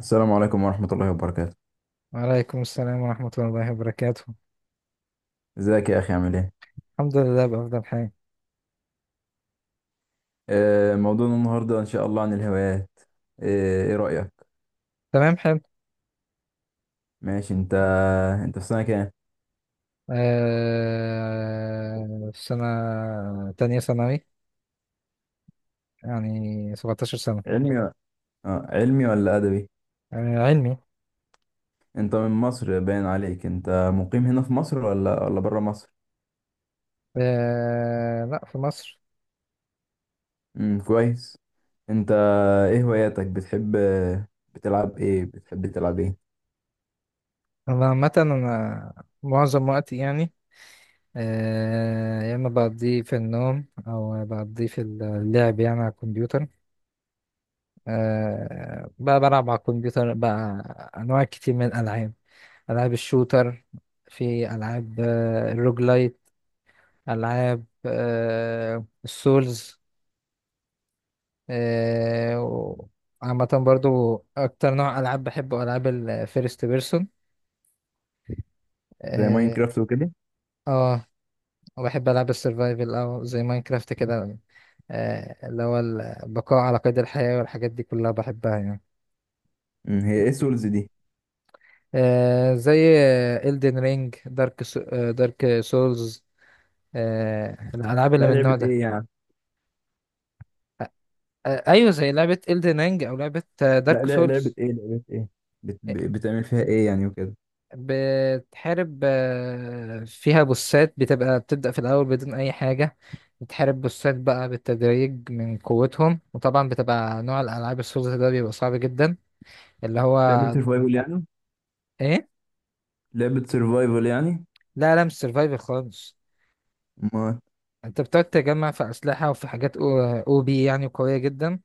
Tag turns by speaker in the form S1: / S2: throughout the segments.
S1: السلام عليكم ورحمة الله وبركاته.
S2: وعليكم السلام ورحمة الله وبركاته.
S1: ازيك يا أخي؟ عامل ايه؟
S2: الحمد لله بأفضل حال.
S1: موضوعنا النهاردة إن شاء الله عن الهوايات. ايه رأيك؟
S2: تمام، حلو.
S1: ماشي. انت انت في سنة كام؟
S2: سنة تانية ثانوي، يعني 17 سنة.
S1: علمي و... علمي ولا أدبي؟
S2: آه، علمي.
S1: انت من مصر، باين عليك. انت مقيم هنا في مصر ولا برا مصر؟
S2: آه، لا، في مصر.
S1: كويس. انت ايه هواياتك؟ بتحب، بتلعب ايه؟ بتحب تلعب ايه؟
S2: أنا عامة، معظم وقتي يعني يا إما بقضيه في النوم أو بقضيه في اللعب يعني على الكمبيوتر. بقى بلعب على الكمبيوتر بقى أنواع كتير من الألعاب. ألعاب الشوتر، في ألعاب الروج لايت، ألعاب السولز، آه، و- عامة برضو أكتر نوع ألعاب بحبه ألعاب الفيرست بيرسون.
S1: زي
S2: اه.
S1: ماينكرافت وكده؟
S2: آه، وبحب ألعاب السرفايفل أو زي ماينكرافت كده. اللي هو البقاء على قيد الحياة والحاجات دي كلها بحبها يعني.
S1: هي ايه سولز دي؟
S2: زي إلدن رينج، دارك سولز. الألعاب
S1: لا،
S2: اللي من
S1: لعبة
S2: النوع ده.
S1: ايه يعني؟
S2: آه، ايوه، زي لعبة Elden Ring او لعبة
S1: لا
S2: دارك
S1: لا لعبة
S2: سولز.
S1: ايه؟ لعبة ايه؟ بتعمل فيها ايه يعني وكده؟
S2: بتحارب فيها بوسات، بتبقى بتبدأ في الأول بدون أي حاجة. بتحارب بوسات بقى بالتدريج من قوتهم، وطبعا بتبقى نوع الألعاب السولز ده بيبقى صعب جدا. اللي
S1: لعبة
S2: هو
S1: سرفايفل يعني؟
S2: إيه؟
S1: لعبة سرفايفل يعني.
S2: لا، لا، مش سرفايفل خالص.
S1: ما
S2: أنت بتقعد تجمع في أسلحة وفي حاجات أو يعني قوية جدا،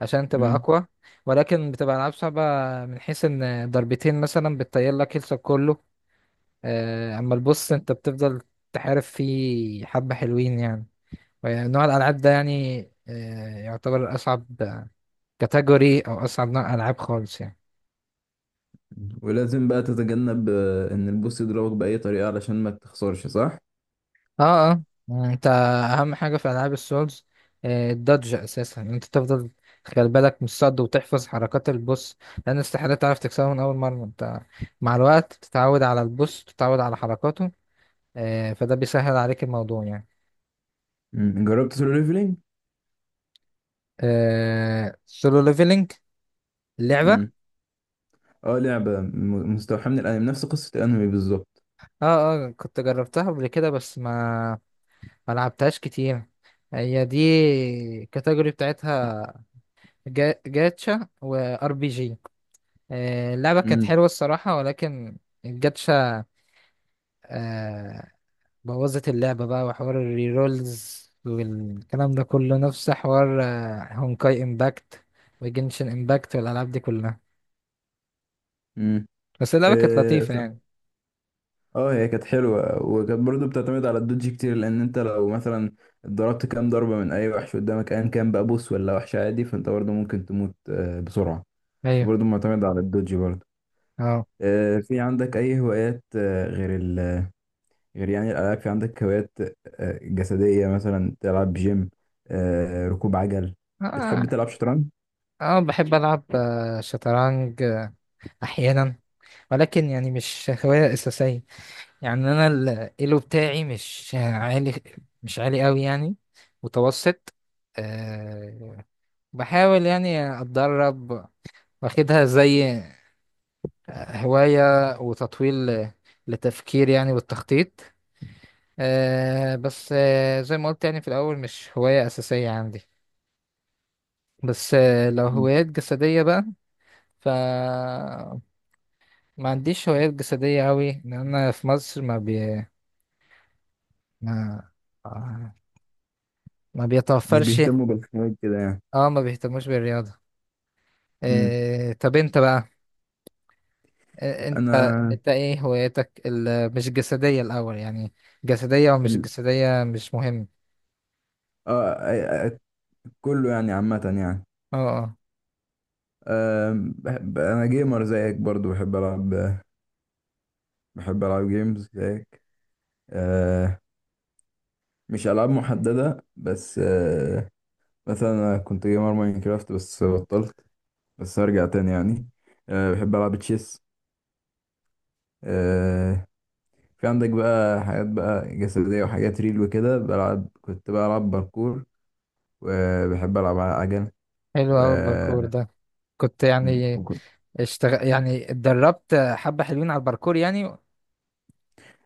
S2: عشان تبقى
S1: مم.
S2: أقوى. ولكن بتبقى ألعاب صعبة، من حيث إن ضربتين مثلا بتطير لك هيلثك كله. اما البص انت بتفضل تحارب فيه حبة حلوين يعني. نوع الالعاب ده يعني يعتبر اصعب كاتيجوري او اصعب نوع العاب خالص يعني.
S1: ولازم بقى تتجنب ان البوس يضربك بأي طريقة علشان ما تخسرش، صح؟
S2: اه، اه. انت اهم حاجة في العاب السولز الدodge اساسا. انت تفضل تخلي بالك من الصد وتحفظ حركات البوس، لان استحالة تعرف تكسبه من اول مرة. انت مع الوقت تتعود على البوس، تتعود على حركاته. فده بيسهل عليك الموضوع يعني.
S1: مم. جربت سولو ليفلينج؟
S2: آه، سولو ليفلنج، اللعبة.
S1: مم. اه، لعبة مستوحاة من الانمي، نفس قصة الانمي بالظبط.
S2: اه، اه، كنت جربتها قبل كده بس ما لعبتهاش كتير. هي دي الكاتيجوري بتاعتها، جاتشا وار بي جي. اللعبة كانت
S1: مم.
S2: حلوة الصراحة، ولكن الجاتشا آه بوظت اللعبة بقى، وحوار الريرولز والكلام ده كله نفس حوار هونكاي امباكت وجنشن امباكت والألعاب دي كلها.
S1: مم.
S2: بس اللعبة كانت
S1: اه
S2: لطيفة
S1: ف-
S2: يعني.
S1: هي كانت حلوة، وكانت برضو بتعتمد على الدوج كتير، لان انت لو مثلا ضربت كام ضربة من اي وحش قدامك، ايا كان بقى بوس ولا وحش عادي، فانت برضو ممكن تموت بسرعة.
S2: ايوه.
S1: فبرضو معتمد على الدوج برضو.
S2: اه،
S1: في عندك أي هوايات غير ال غير يعني الألعاب؟ في عندك هوايات جسدية؟ مثلا تلعب جيم، ركوب عجل؟ بتحب
S2: اه.
S1: تلعب شطرنج؟
S2: بحب ألعب شطرنج احيانا. ولكن يعني مش هواية أساسية، يعني أنا الإيلو بتاعي مش عالي، مش عالي أوي يعني، متوسط. أه بحاول يعني أتدرب، واخدها زي هواية، وتطويل لتفكير يعني والتخطيط. بس زي ما قلت، يعني في الأول مش هواية أساسية عندي. بس لو
S1: مم.
S2: هوايات جسدية بقى، ف ما عنديش هوايات جسدية أوي، لأن أنا في مصر ما ما
S1: مش
S2: بيتوفرش.
S1: بيهتموا بالحاجات كده يعني.
S2: اه، ما بيهتموش بالرياضة.
S1: مم.
S2: إيه؟ طب انت بقى، إيه انت،
S1: أنا
S2: انت ايه هواياتك مش الجسدية الاول يعني، جسدية ومش
S1: ال...
S2: جسدية مش مهم.
S1: آه آه، آه، كله يعني عامة يعني.
S2: اه، اه.
S1: بحب، أنا جيمر زيك برضو. بحب ألعب بحب ألعب جيمز زيك. آه، مش ألعاب محددة بس. آه، مثلا أنا كنت جيمر ماينكرافت بس بطلت. بس ارجع تاني يعني. أه، بحب العب تشيس. أه، في عندك بقى حاجات بقى جسدية وحاجات ريل وكده. بلعب، كنت بلعب باركور، وبحب العب على عجل.
S2: حلو
S1: و
S2: اوي الباركور ده. كنت
S1: مم،
S2: يعني
S1: وكنت
S2: اشتغل يعني، اتدربت حبة حلوين على الباركور يعني.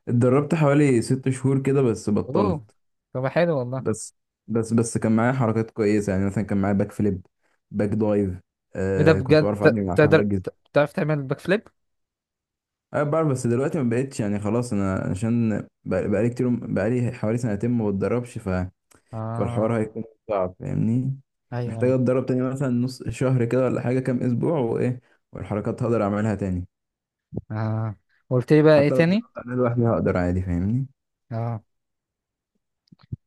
S1: اتدربت حوالي 6 شهور كده بس بطلت.
S2: اوه، طب حلو والله.
S1: بس بس كان معايا حركات كويسة، يعني مثلا كان معايا باك فليب، باك دايف.
S2: ايه ده،
S1: أه، كنت
S2: بجد
S1: بعرف اعدي من على الحواجز.
S2: تعرف تعمل باك فليب؟
S1: انا بعرف، بس دلوقتي ما بقتش يعني. خلاص انا عشان بقالي كتير، بقالي حوالي سنتين ما بتدربش. فالحوار
S2: اه.
S1: هيكون صعب، فاهمني؟
S2: ايوه،
S1: محتاج
S2: ايوه.
S1: اتدرب تاني مثلا نص شهر كده ولا حاجة، كام اسبوع وايه، والحركات هقدر اعملها تاني.
S2: اه، قلت لي بقى ايه
S1: حتى لو
S2: تاني؟
S1: اتدربت عليها لوحدي هقدر عادي، فاهمني؟
S2: اه،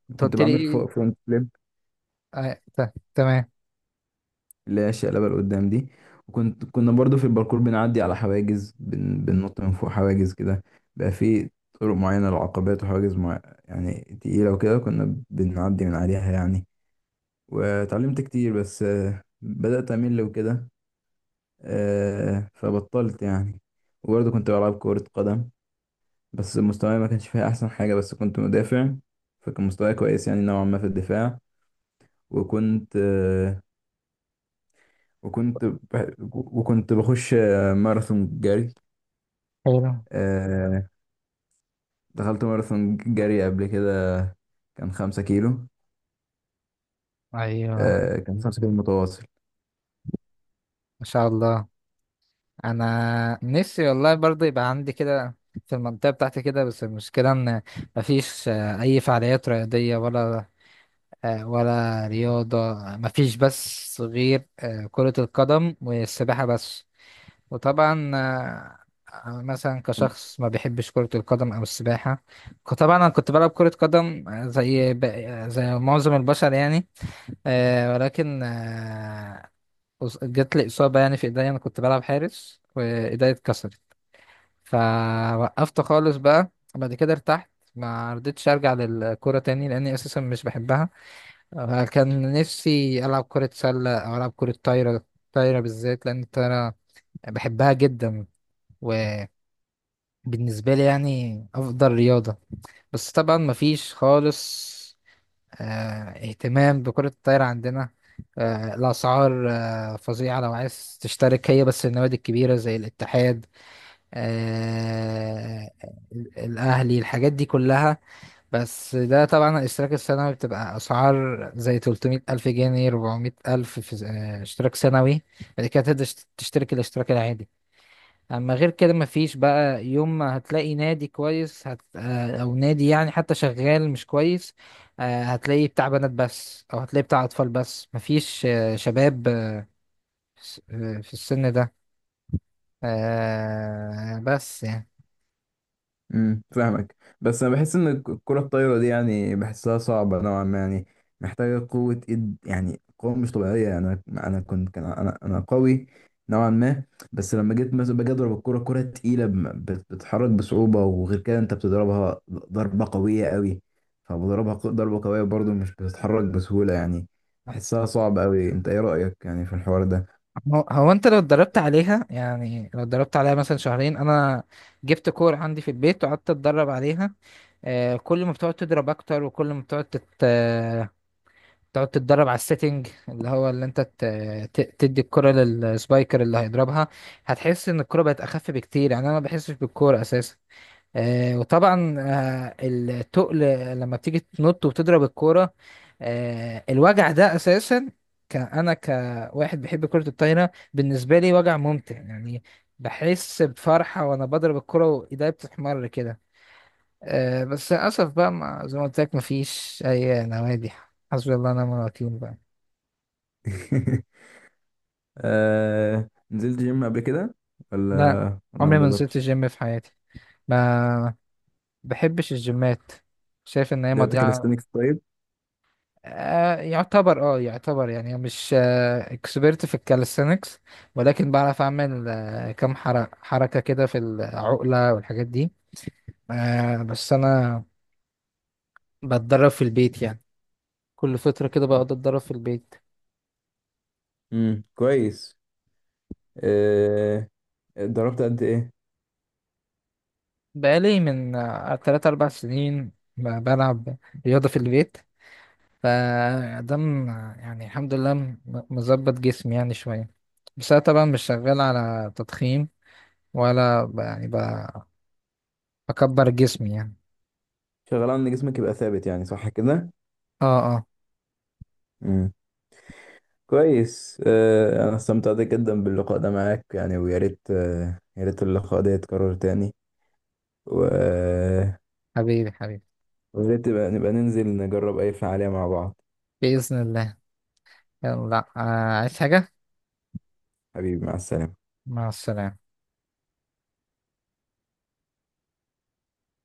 S2: انت
S1: كنت
S2: قلت لي
S1: بعمل فوق
S2: ايه؟
S1: فرونت فليب،
S2: آه. تمام،
S1: اللي هي الشقلبة لقدام دي. وكنت، كنا برضو في الباركور بنعدي على حواجز، بننط من فوق حواجز كده. بقى في طرق معينة للعقبات وحواجز يعني تقيلة وكده، كنا بنعدي من عليها يعني. واتعلمت كتير، بس بدأت أمل وكده. فبطلت يعني. وبرضه كنت بلعب كرة قدم، بس مستواي ما كانش فيها أحسن حاجة، بس كنت مدافع، فكان مستواي كويس يعني نوعا ما في الدفاع. وكنت وكنت بخش ماراثون جري.
S2: حلو.
S1: آه، دخلت ماراثون جري قبل كده، كان 5 كيلو.
S2: ايوه،
S1: كان 5 كيلو متواصل.
S2: ما شاء الله. انا نفسي والله برضه يبقى عندي كده في المنطقه بتاعتي كده، بس المشكله ان مفيش اي فعاليات رياضيه، ولا ولا رياضه. مفيش بس غير كره القدم والسباحه بس. وطبعا أنا مثلا كشخص ما بيحبش كره القدم او السباحه. طبعا انا كنت بلعب كره قدم زي معظم البشر يعني. ولكن جات لي إصابة يعني في إيديا. أنا كنت بلعب حارس وإيديا اتكسرت، فوقفت خالص بقى. بعد كده ارتحت، ما رضيتش أرجع للكورة تاني، لأني أساسا مش بحبها. كان نفسي ألعب كرة سلة أو ألعب كرة طايرة. طايرة بالذات، لأن الطايرة بحبها جدا، وبالنسبة لي يعني أفضل رياضة. بس طبعا مفيش خالص آه، اهتمام بكرة الطايرة عندنا. الأسعار فظيعة لو عايز تشترك. هي بس النوادي الكبيرة زي الاتحاد، آه، الأهلي، الحاجات دي كلها. بس ده طبعا الاشتراك السنوي بتبقى أسعار زي 300 ألف جنيه، 400 ألف في اشتراك سنوي. بعد كده تقدر تشترك الاشتراك العادي. اما غير كده مفيش بقى. يوم ما هتلاقي نادي كويس هت... آه، او نادي يعني، حتى شغال مش كويس، هتلاقي بتاع بنات بس، او هتلاقي بتاع اطفال بس. مفيش شباب في السن ده بس يعني.
S1: امم، فاهمك. بس انا بحس ان الكرة الطايرة دي يعني بحسها صعبة نوعا ما يعني. محتاجة قوة ايد، يعني قوة مش طبيعية. انا كنت، كان انا قوي نوعا ما، بس لما جيت مثلا باجي اضرب الكرة، كرة تقيلة، بتتحرك بصعوبة. وغير كده انت بتضربها ضربة قوية قوي، فبضربها ضربة قوية برضو، مش بتتحرك بسهولة يعني. بحسها صعبة قوي. انت ايه رأيك يعني في الحوار ده؟
S2: هو انت لو اتدربت عليها، يعني لو اتدربت عليها مثلا شهرين، انا جبت كور عندي في البيت وقعدت اتدرب عليها. كل ما بتقعد تضرب اكتر، وكل ما بتقعد تقعد تتدرب على السيتنج، اللي هو اللي انت تدي الكرة للسبايكر اللي هيضربها، هتحس ان الكرة بقت اخف بكتير يعني. انا ما بحسش بالكرة اساسا. وطبعا التقل، لما بتيجي تنط وتضرب الكرة، الوجع ده اساسا، انا كواحد بيحب كرة الطايرة بالنسبة لي وجع ممتع يعني. بحس بفرحة وانا بضرب الكرة وايدي بتحمر كده. بس للاسف بقى، ما زي ما قلت لك مفيش اي نوادي. حسبي الله ونعم الوكيل بقى.
S1: آه... نزلت جيم قبل كده ولا
S2: لا،
S1: ولا ما
S2: عمري ما نزلت
S1: جربتش؟
S2: الجيم في حياتي. ما بحبش الجيمات، شايف ان هي
S1: لعبت
S2: مضيعة.
S1: كاليستانكس طيب؟
S2: يعتبر يعني مش اكسبرت في الكاليستينكس، ولكن بعرف اعمل كم حركة كده في العقلة والحاجات دي. بس انا بتدرب في البيت يعني، كل فترة كده
S1: اه.
S2: بقعد اتدرب في البيت.
S1: امم، كويس. آه، اتدربت قد ايه؟
S2: بقالي من 3 4 سنين بلعب رياضة في البيت، فده م- يعني الحمد لله مظبط جسمي يعني شوية. بس أنا طبعا مش شغال على تضخيم، ولا بكبر جسمي يعني.
S1: شغال على ان جسمك يبقى ثابت يعني، صح كده؟
S2: اه، اه.
S1: امم، كويس. آه، انا استمتعت جدا باللقاء ده معاك يعني، ويا ريت يا ريت اللقاء ده يتكرر تاني. و- آه،
S2: حبيبي حبيبي.
S1: ويا ريت نبقى ننزل نجرب اي فعالية مع بعض.
S2: بإذن الله. يلا، عايز حاجة؟
S1: حبيبي، مع السلامة.
S2: مع السلامة.